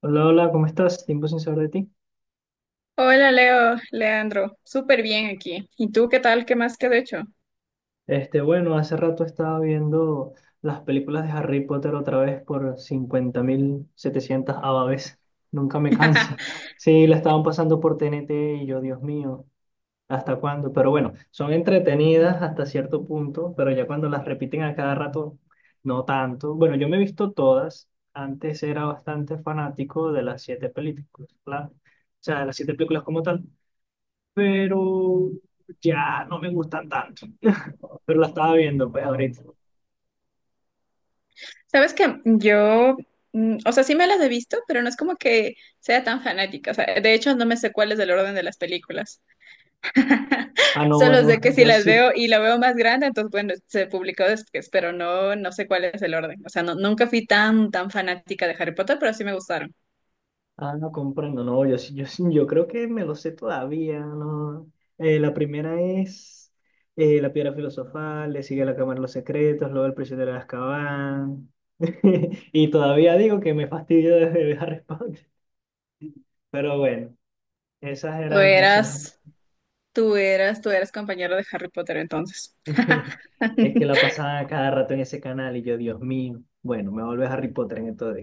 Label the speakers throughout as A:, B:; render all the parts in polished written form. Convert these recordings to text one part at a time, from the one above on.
A: Hola, hola, ¿cómo estás? Tiempo sin saber de ti.
B: Hola Leo, Leandro, súper bien aquí. ¿Y tú qué tal? ¿Qué más que de hecho?
A: Bueno, hace rato estaba viendo las películas de Harry Potter otra vez por 50.700 vez. Nunca me canso. Sí, la estaban pasando por T N T y yo, Dios mío, ¿hasta cuándo? Pero bueno, son entretenidas hasta cierto punto, pero ya cuando las repiten a cada rato, no tanto. Bueno, yo me he visto todas. Antes era bastante fanático de las siete películas, claro. O sea, de las siete películas como tal, pero ya no me gustan tanto. Pero la estaba viendo, pues ahorita.
B: Sabes que yo, o sea, sí me las he visto, pero no es como que sea tan fanática. O sea, de hecho no me sé cuál es el orden de las películas.
A: Ah, no, ah,
B: Solo sé
A: no,
B: que si
A: yo
B: las
A: sí.
B: veo y la veo más grande, entonces bueno, se publicó después, pero no, no sé cuál es el orden. O sea, nunca fui tan, tan fanática de Harry Potter, pero sí me gustaron.
A: Ah, no comprendo, no, yo sí, yo sí, yo creo que me lo sé todavía, ¿no? La primera es La Piedra Filosofal, le sigue La Cámara de los Secretos, luego El Prisionero de Azkaban. Y todavía digo que me fastidio desde Harry Potter. Pero bueno, esas
B: Tú
A: eran así.
B: eras, Tú eras compañero de Harry Potter entonces.
A: Es que la pasaban a cada rato en ese canal y yo, Dios mío, bueno, me vuelve Harry Potter en esto.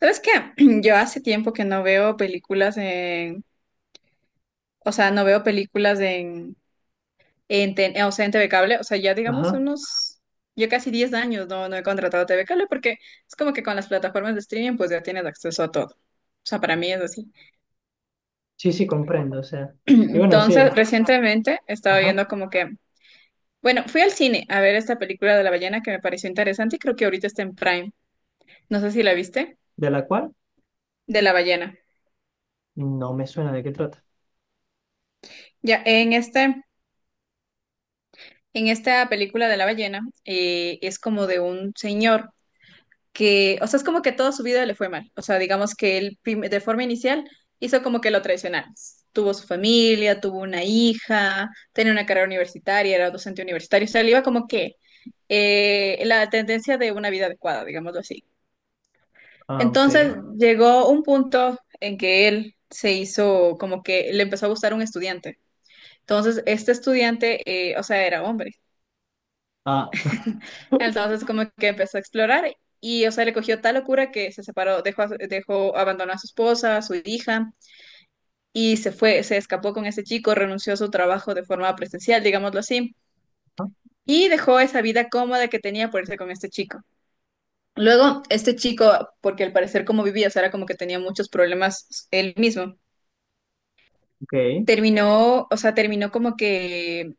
B: ¿Sabes qué? Yo hace tiempo que no veo películas en, o sea, no veo películas o sea, en TV Cable, o sea, ya digamos
A: Ajá.
B: unos, yo casi 10 años no, no he contratado TV Cable porque es como que con las plataformas de streaming pues ya tienes acceso a todo. O sea, para mí es así.
A: Sí, sí, comprendo, o sea. Y bueno,
B: Entonces,
A: sí.
B: recientemente estaba
A: Ajá.
B: viendo como que, bueno, fui al cine a ver esta película de la ballena que me pareció interesante y creo que ahorita está en Prime. No sé si la viste,
A: ¿De la cual?
B: de la ballena.
A: No me suena de qué trata.
B: Ya, en este En esta película de la ballena es como de un señor que, o sea, es como que toda su vida le fue mal. O sea, digamos que él de forma inicial hizo como que lo tradicional. Tuvo su familia, tuvo una hija, tenía una carrera universitaria, era docente universitario. O sea, le iba como que la tendencia de una vida adecuada, digámoslo así.
A: Ah, ok.
B: Entonces llegó un punto en que él se hizo como que le empezó a gustar un estudiante. Entonces, este estudiante, o sea, era hombre.
A: Ah,
B: Entonces como que empezó a explorar y, o sea, le cogió tal locura que se separó, dejó, abandonó a su esposa, a su hija y se fue, se escapó con ese chico, renunció a su trabajo de forma presencial, digámoslo así,
A: ajá,
B: y dejó esa vida cómoda que tenía por irse con este chico. Luego, este chico, porque al parecer como vivía, o sea, era como que tenía muchos problemas él mismo,
A: ok.
B: terminó, o sea, terminó como que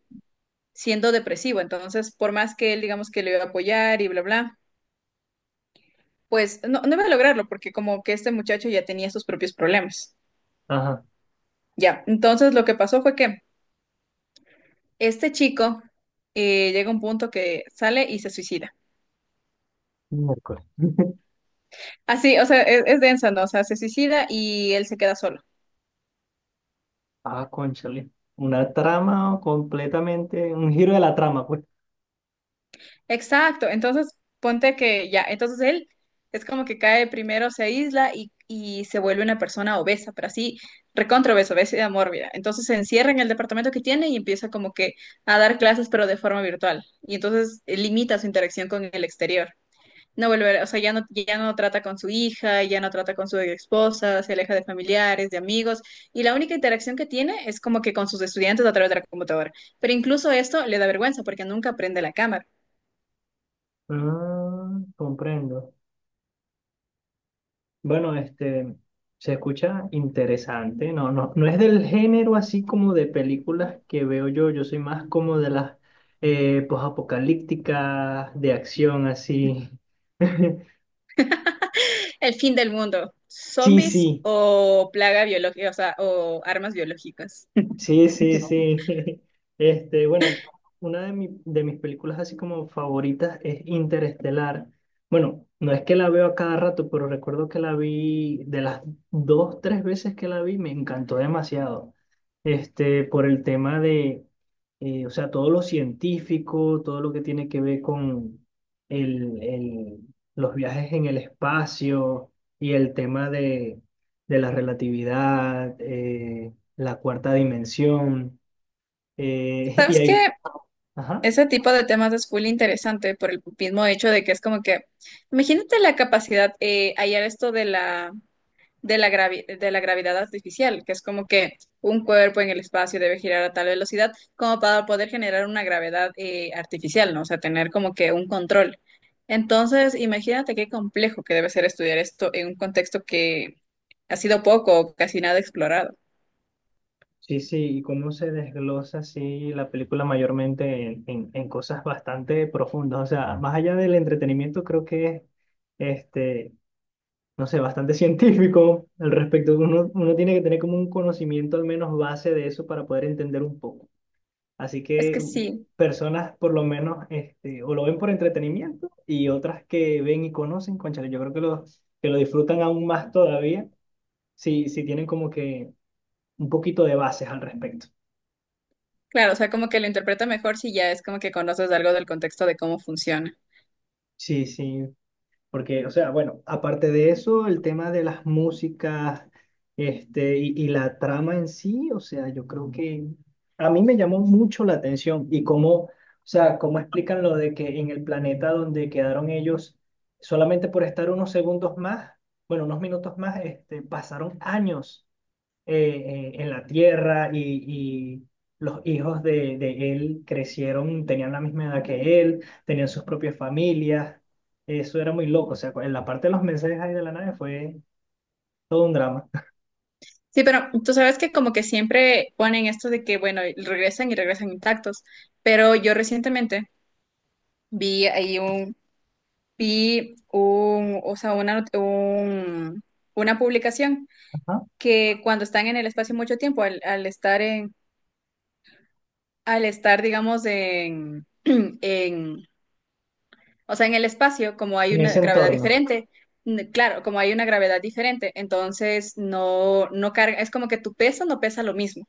B: siendo depresivo, entonces por más que él digamos que le iba a apoyar y bla bla, pues no, no iba a lograrlo porque como que este muchacho ya tenía sus propios problemas.
A: Ajá.
B: Ya, entonces lo que pasó fue que este chico llega a un punto que sale y se suicida.
A: Miércoles.
B: Así, o sea, es densa, ¿no? O sea, se suicida y él se queda solo.
A: Ah, cónchale. Una trama completamente, un giro de la trama, pues.
B: Exacto, entonces ponte que ya, entonces él es como que cae primero, se aísla y se vuelve una persona obesa, pero así recontra obesa, obesidad mórbida. Entonces se encierra en el departamento que tiene y empieza como que a dar clases, pero de forma virtual. Y entonces limita su interacción con el exterior. No vuelve, a- O sea, ya no, ya no trata con su hija, ya no trata con su esposa, se aleja de familiares, de amigos, y la única interacción que tiene es como que con sus estudiantes a través de la computadora. Pero incluso esto le da vergüenza porque nunca prende la cámara.
A: Ah, comprendo. Bueno, se escucha interesante. No, no, no es del género así como de películas que veo yo. Yo soy más como de las posapocalípticas, de acción así.
B: El fin del mundo.
A: Sí,
B: ¿Zombies
A: sí,
B: o plaga biológica, o sea, o armas biológicas?
A: sí, sí, sí. Bueno, una de, de mis películas así como favoritas es Interestelar. Bueno, no es que la veo a cada rato, pero recuerdo que la vi de las dos, tres veces que la vi, me encantó demasiado. Por el tema de, o sea, todo lo científico, todo lo que tiene que ver con el, el- los viajes en el espacio y el tema de la relatividad, la cuarta dimensión, y
B: ¿Sabes qué?
A: ahí, ajá,
B: Ese tipo de temas es full interesante por el mismo hecho de que es como que, imagínate la capacidad, hallar esto de la de la gravedad artificial, que es como que un cuerpo en el espacio debe girar a tal velocidad como para poder generar una gravedad artificial, ¿no? O sea, tener como que un control. Entonces, imagínate qué complejo que debe ser estudiar esto en un contexto que ha sido poco o casi nada explorado.
A: sí, sí, y cómo se desglosa así la película mayormente en cosas bastante profundas, o sea, más allá del entretenimiento, creo que es, este, no sé, bastante científico al respecto, uno tiene que tener como un conocimiento al menos base de eso para poder entender un poco, así
B: Es que
A: que
B: sí,
A: personas por lo menos, o lo ven por entretenimiento y otras que ven y conocen, cónchale, yo creo que los que lo disfrutan aún más todavía. Sí, sí, tienen como que un poquito de bases al respecto.
B: claro, o sea, como que lo interpreta mejor si ya es como que conoces algo del contexto de cómo funciona.
A: Sí, sí, porque, o sea, bueno, aparte de eso, el tema de las músicas, y la trama en sí, o sea, yo creo que a mí me llamó mucho la atención y cómo, o sea, cómo explican lo de que en el planeta donde quedaron ellos, solamente por estar unos segundos más, bueno, unos minutos más, pasaron años en la tierra y los hijos de él crecieron, tenían la misma edad que él, tenían sus propias familias. Eso era muy loco. O sea, en la parte de los mensajes ahí de la nave fue todo un drama.
B: Sí, pero tú sabes que como que siempre ponen esto de que, bueno, regresan y regresan intactos, pero yo recientemente vi ahí un, vi un, o sea, una, not- un- una publicación
A: Ajá.
B: que cuando están en el espacio mucho tiempo, al estar en, al estar, digamos, en, en, o sea, en el espacio, como hay
A: En ese
B: una gravedad
A: entorno.
B: diferente, claro, como hay una gravedad diferente, entonces no, no carga, es como que tu peso no pesa lo mismo.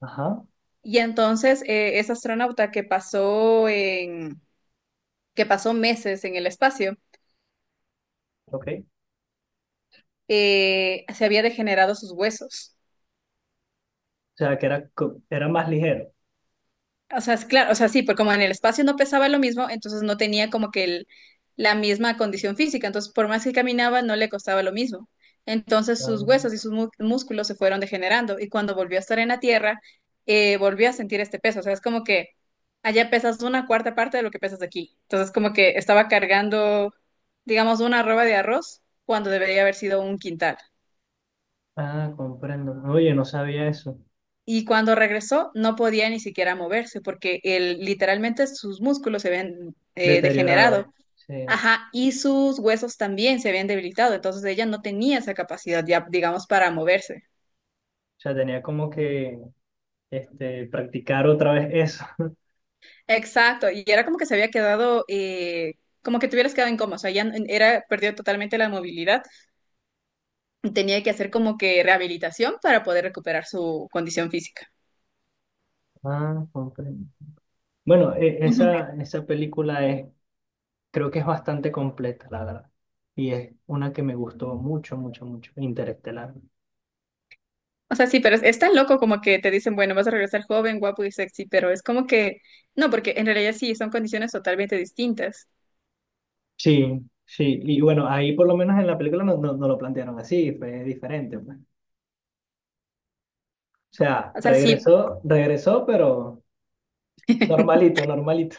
A: Ajá.
B: Y entonces ese astronauta que pasó meses en el espacio,
A: Ok. O
B: se había degenerado sus huesos.
A: sea, que era, era más ligero.
B: O sea, es claro, o sea, sí, porque como en el espacio no pesaba lo mismo, entonces no tenía como que la misma condición física. Entonces, por más que caminaba, no le costaba lo mismo. Entonces, sus huesos y sus músculos se fueron degenerando. Y cuando volvió a estar en la tierra, volvió a sentir este peso. O sea, es como que allá pesas una cuarta parte de lo que pesas aquí. Entonces, como que estaba cargando, digamos, una arroba de arroz cuando debería haber sido un quintal.
A: Ah, ah, comprendo. Oye, no sabía eso.
B: Y cuando regresó, no podía ni siquiera moverse porque él, literalmente sus músculos se habían degenerado.
A: Deteriorada. Sí. O
B: Ajá, y sus huesos también se habían debilitado. Entonces ella no tenía esa capacidad ya, digamos, para moverse.
A: sea, tenía como que practicar otra vez eso.
B: Exacto. Y era como que se había quedado, como que te hubieras quedado en coma. O sea, ya era, perdió totalmente la movilidad. Tenía que hacer como que rehabilitación para poder recuperar su condición física.
A: Ah, comprendo. Bueno, esa película es, creo que es bastante completa, la verdad. Y es una que me gustó mucho, mucho, mucho, Interestelar.
B: O sea, sí, pero es tan loco como que te dicen, bueno, vas a regresar joven, guapo y sexy, pero es como que, no, porque en realidad sí, son condiciones totalmente distintas.
A: Sí, sí. Y bueno, ahí por lo menos en la película no, no, no lo plantearon así, fue diferente, pues. O sea,
B: O sea, sí,
A: regresó, pero normalito, normalito.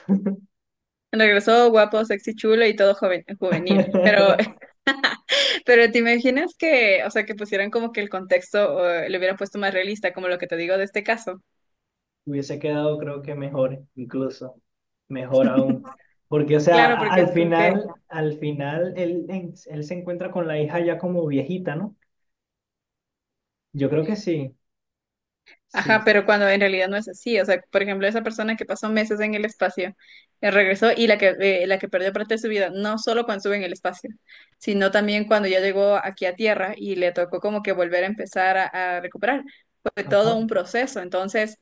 B: regresó guapo, sexy, chulo y todo joven, juvenil, pero, pero te imaginas que, o sea, que pusieran como que el contexto, le hubieran puesto más realista, como lo que te digo de este caso.
A: Hubiese quedado, creo que mejor, incluso, mejor aún. Porque, o sea,
B: Claro, porque es como que...
A: al final, él, él se encuentra con la hija ya como viejita, ¿no? Yo creo que sí.
B: Ajá,
A: Sí,
B: pero cuando en realidad no es así. O sea, por ejemplo, esa persona que pasó meses en el espacio, regresó y la que perdió parte de su vida, no solo cuando estuvo en el espacio, sino también cuando ya llegó aquí a Tierra y le tocó como que volver a empezar a recuperar. Fue todo
A: ajá.
B: un proceso. Entonces,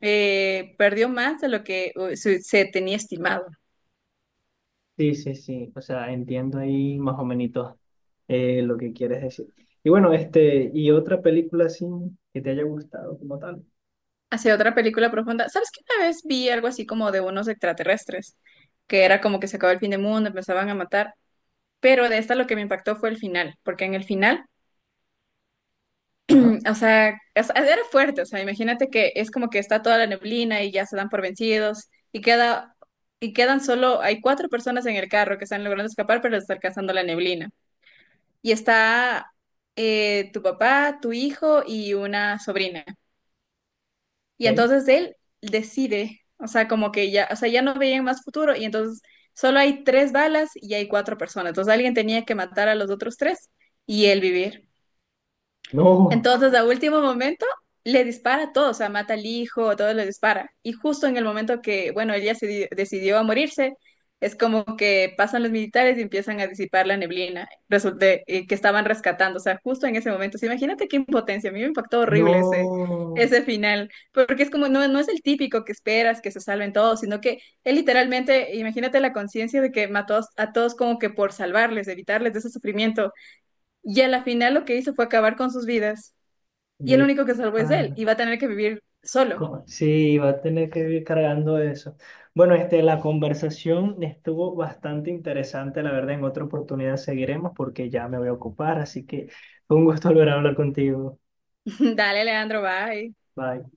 B: perdió más de lo que se, se tenía estimado.
A: Sí, sí, sí. O sea, entiendo ahí más o menos lo que quieres decir. Y bueno, y otra película así que te haya gustado como tal.
B: Hacia otra película profunda. ¿Sabes que una vez vi algo así como de unos extraterrestres? Que era como que se acabó el fin del mundo, empezaban a matar. Pero de esta lo que me impactó fue el final, porque en el final,
A: Ajá,
B: o sea, era fuerte, o sea, imagínate que es como que está toda la neblina y ya se dan por vencidos y quedan solo hay cuatro personas en el carro que están logrando escapar, pero les está alcanzando la neblina. Y está tu papá, tu hijo y una sobrina. Y
A: ok.
B: entonces él decide, o sea, como que ya, o sea, ya no veían más futuro y entonces solo hay tres balas y hay cuatro personas. Entonces alguien tenía que matar a los otros tres y él vivir.
A: No,
B: Entonces, a último momento, le dispara a todos, o sea, mata al hijo, a todos le dispara. Y justo en el momento que, bueno, ella se decidió a morirse, es como que pasan los militares y empiezan a disipar la neblina, resulta que estaban rescatando, o sea, justo en ese momento. O sea, imagínate qué impotencia, a mí me impactó horrible ese,
A: no.
B: ese final, porque es como, no, no es el típico que esperas que se salven todos, sino que él literalmente, imagínate la conciencia de que mató a todos como que por salvarles, evitarles de ese sufrimiento. Y a la final lo que hizo fue acabar con sus vidas y el
A: De
B: único que salvo es él
A: pa-
B: y va a tener que vivir solo.
A: ¿cómo? Sí, va a tener que ir cargando eso. Bueno, la conversación estuvo bastante interesante, la verdad. En otra oportunidad seguiremos porque ya me voy a ocupar, así que fue un gusto volver a hablar contigo.
B: Dale, Leandro, bye.
A: Bye.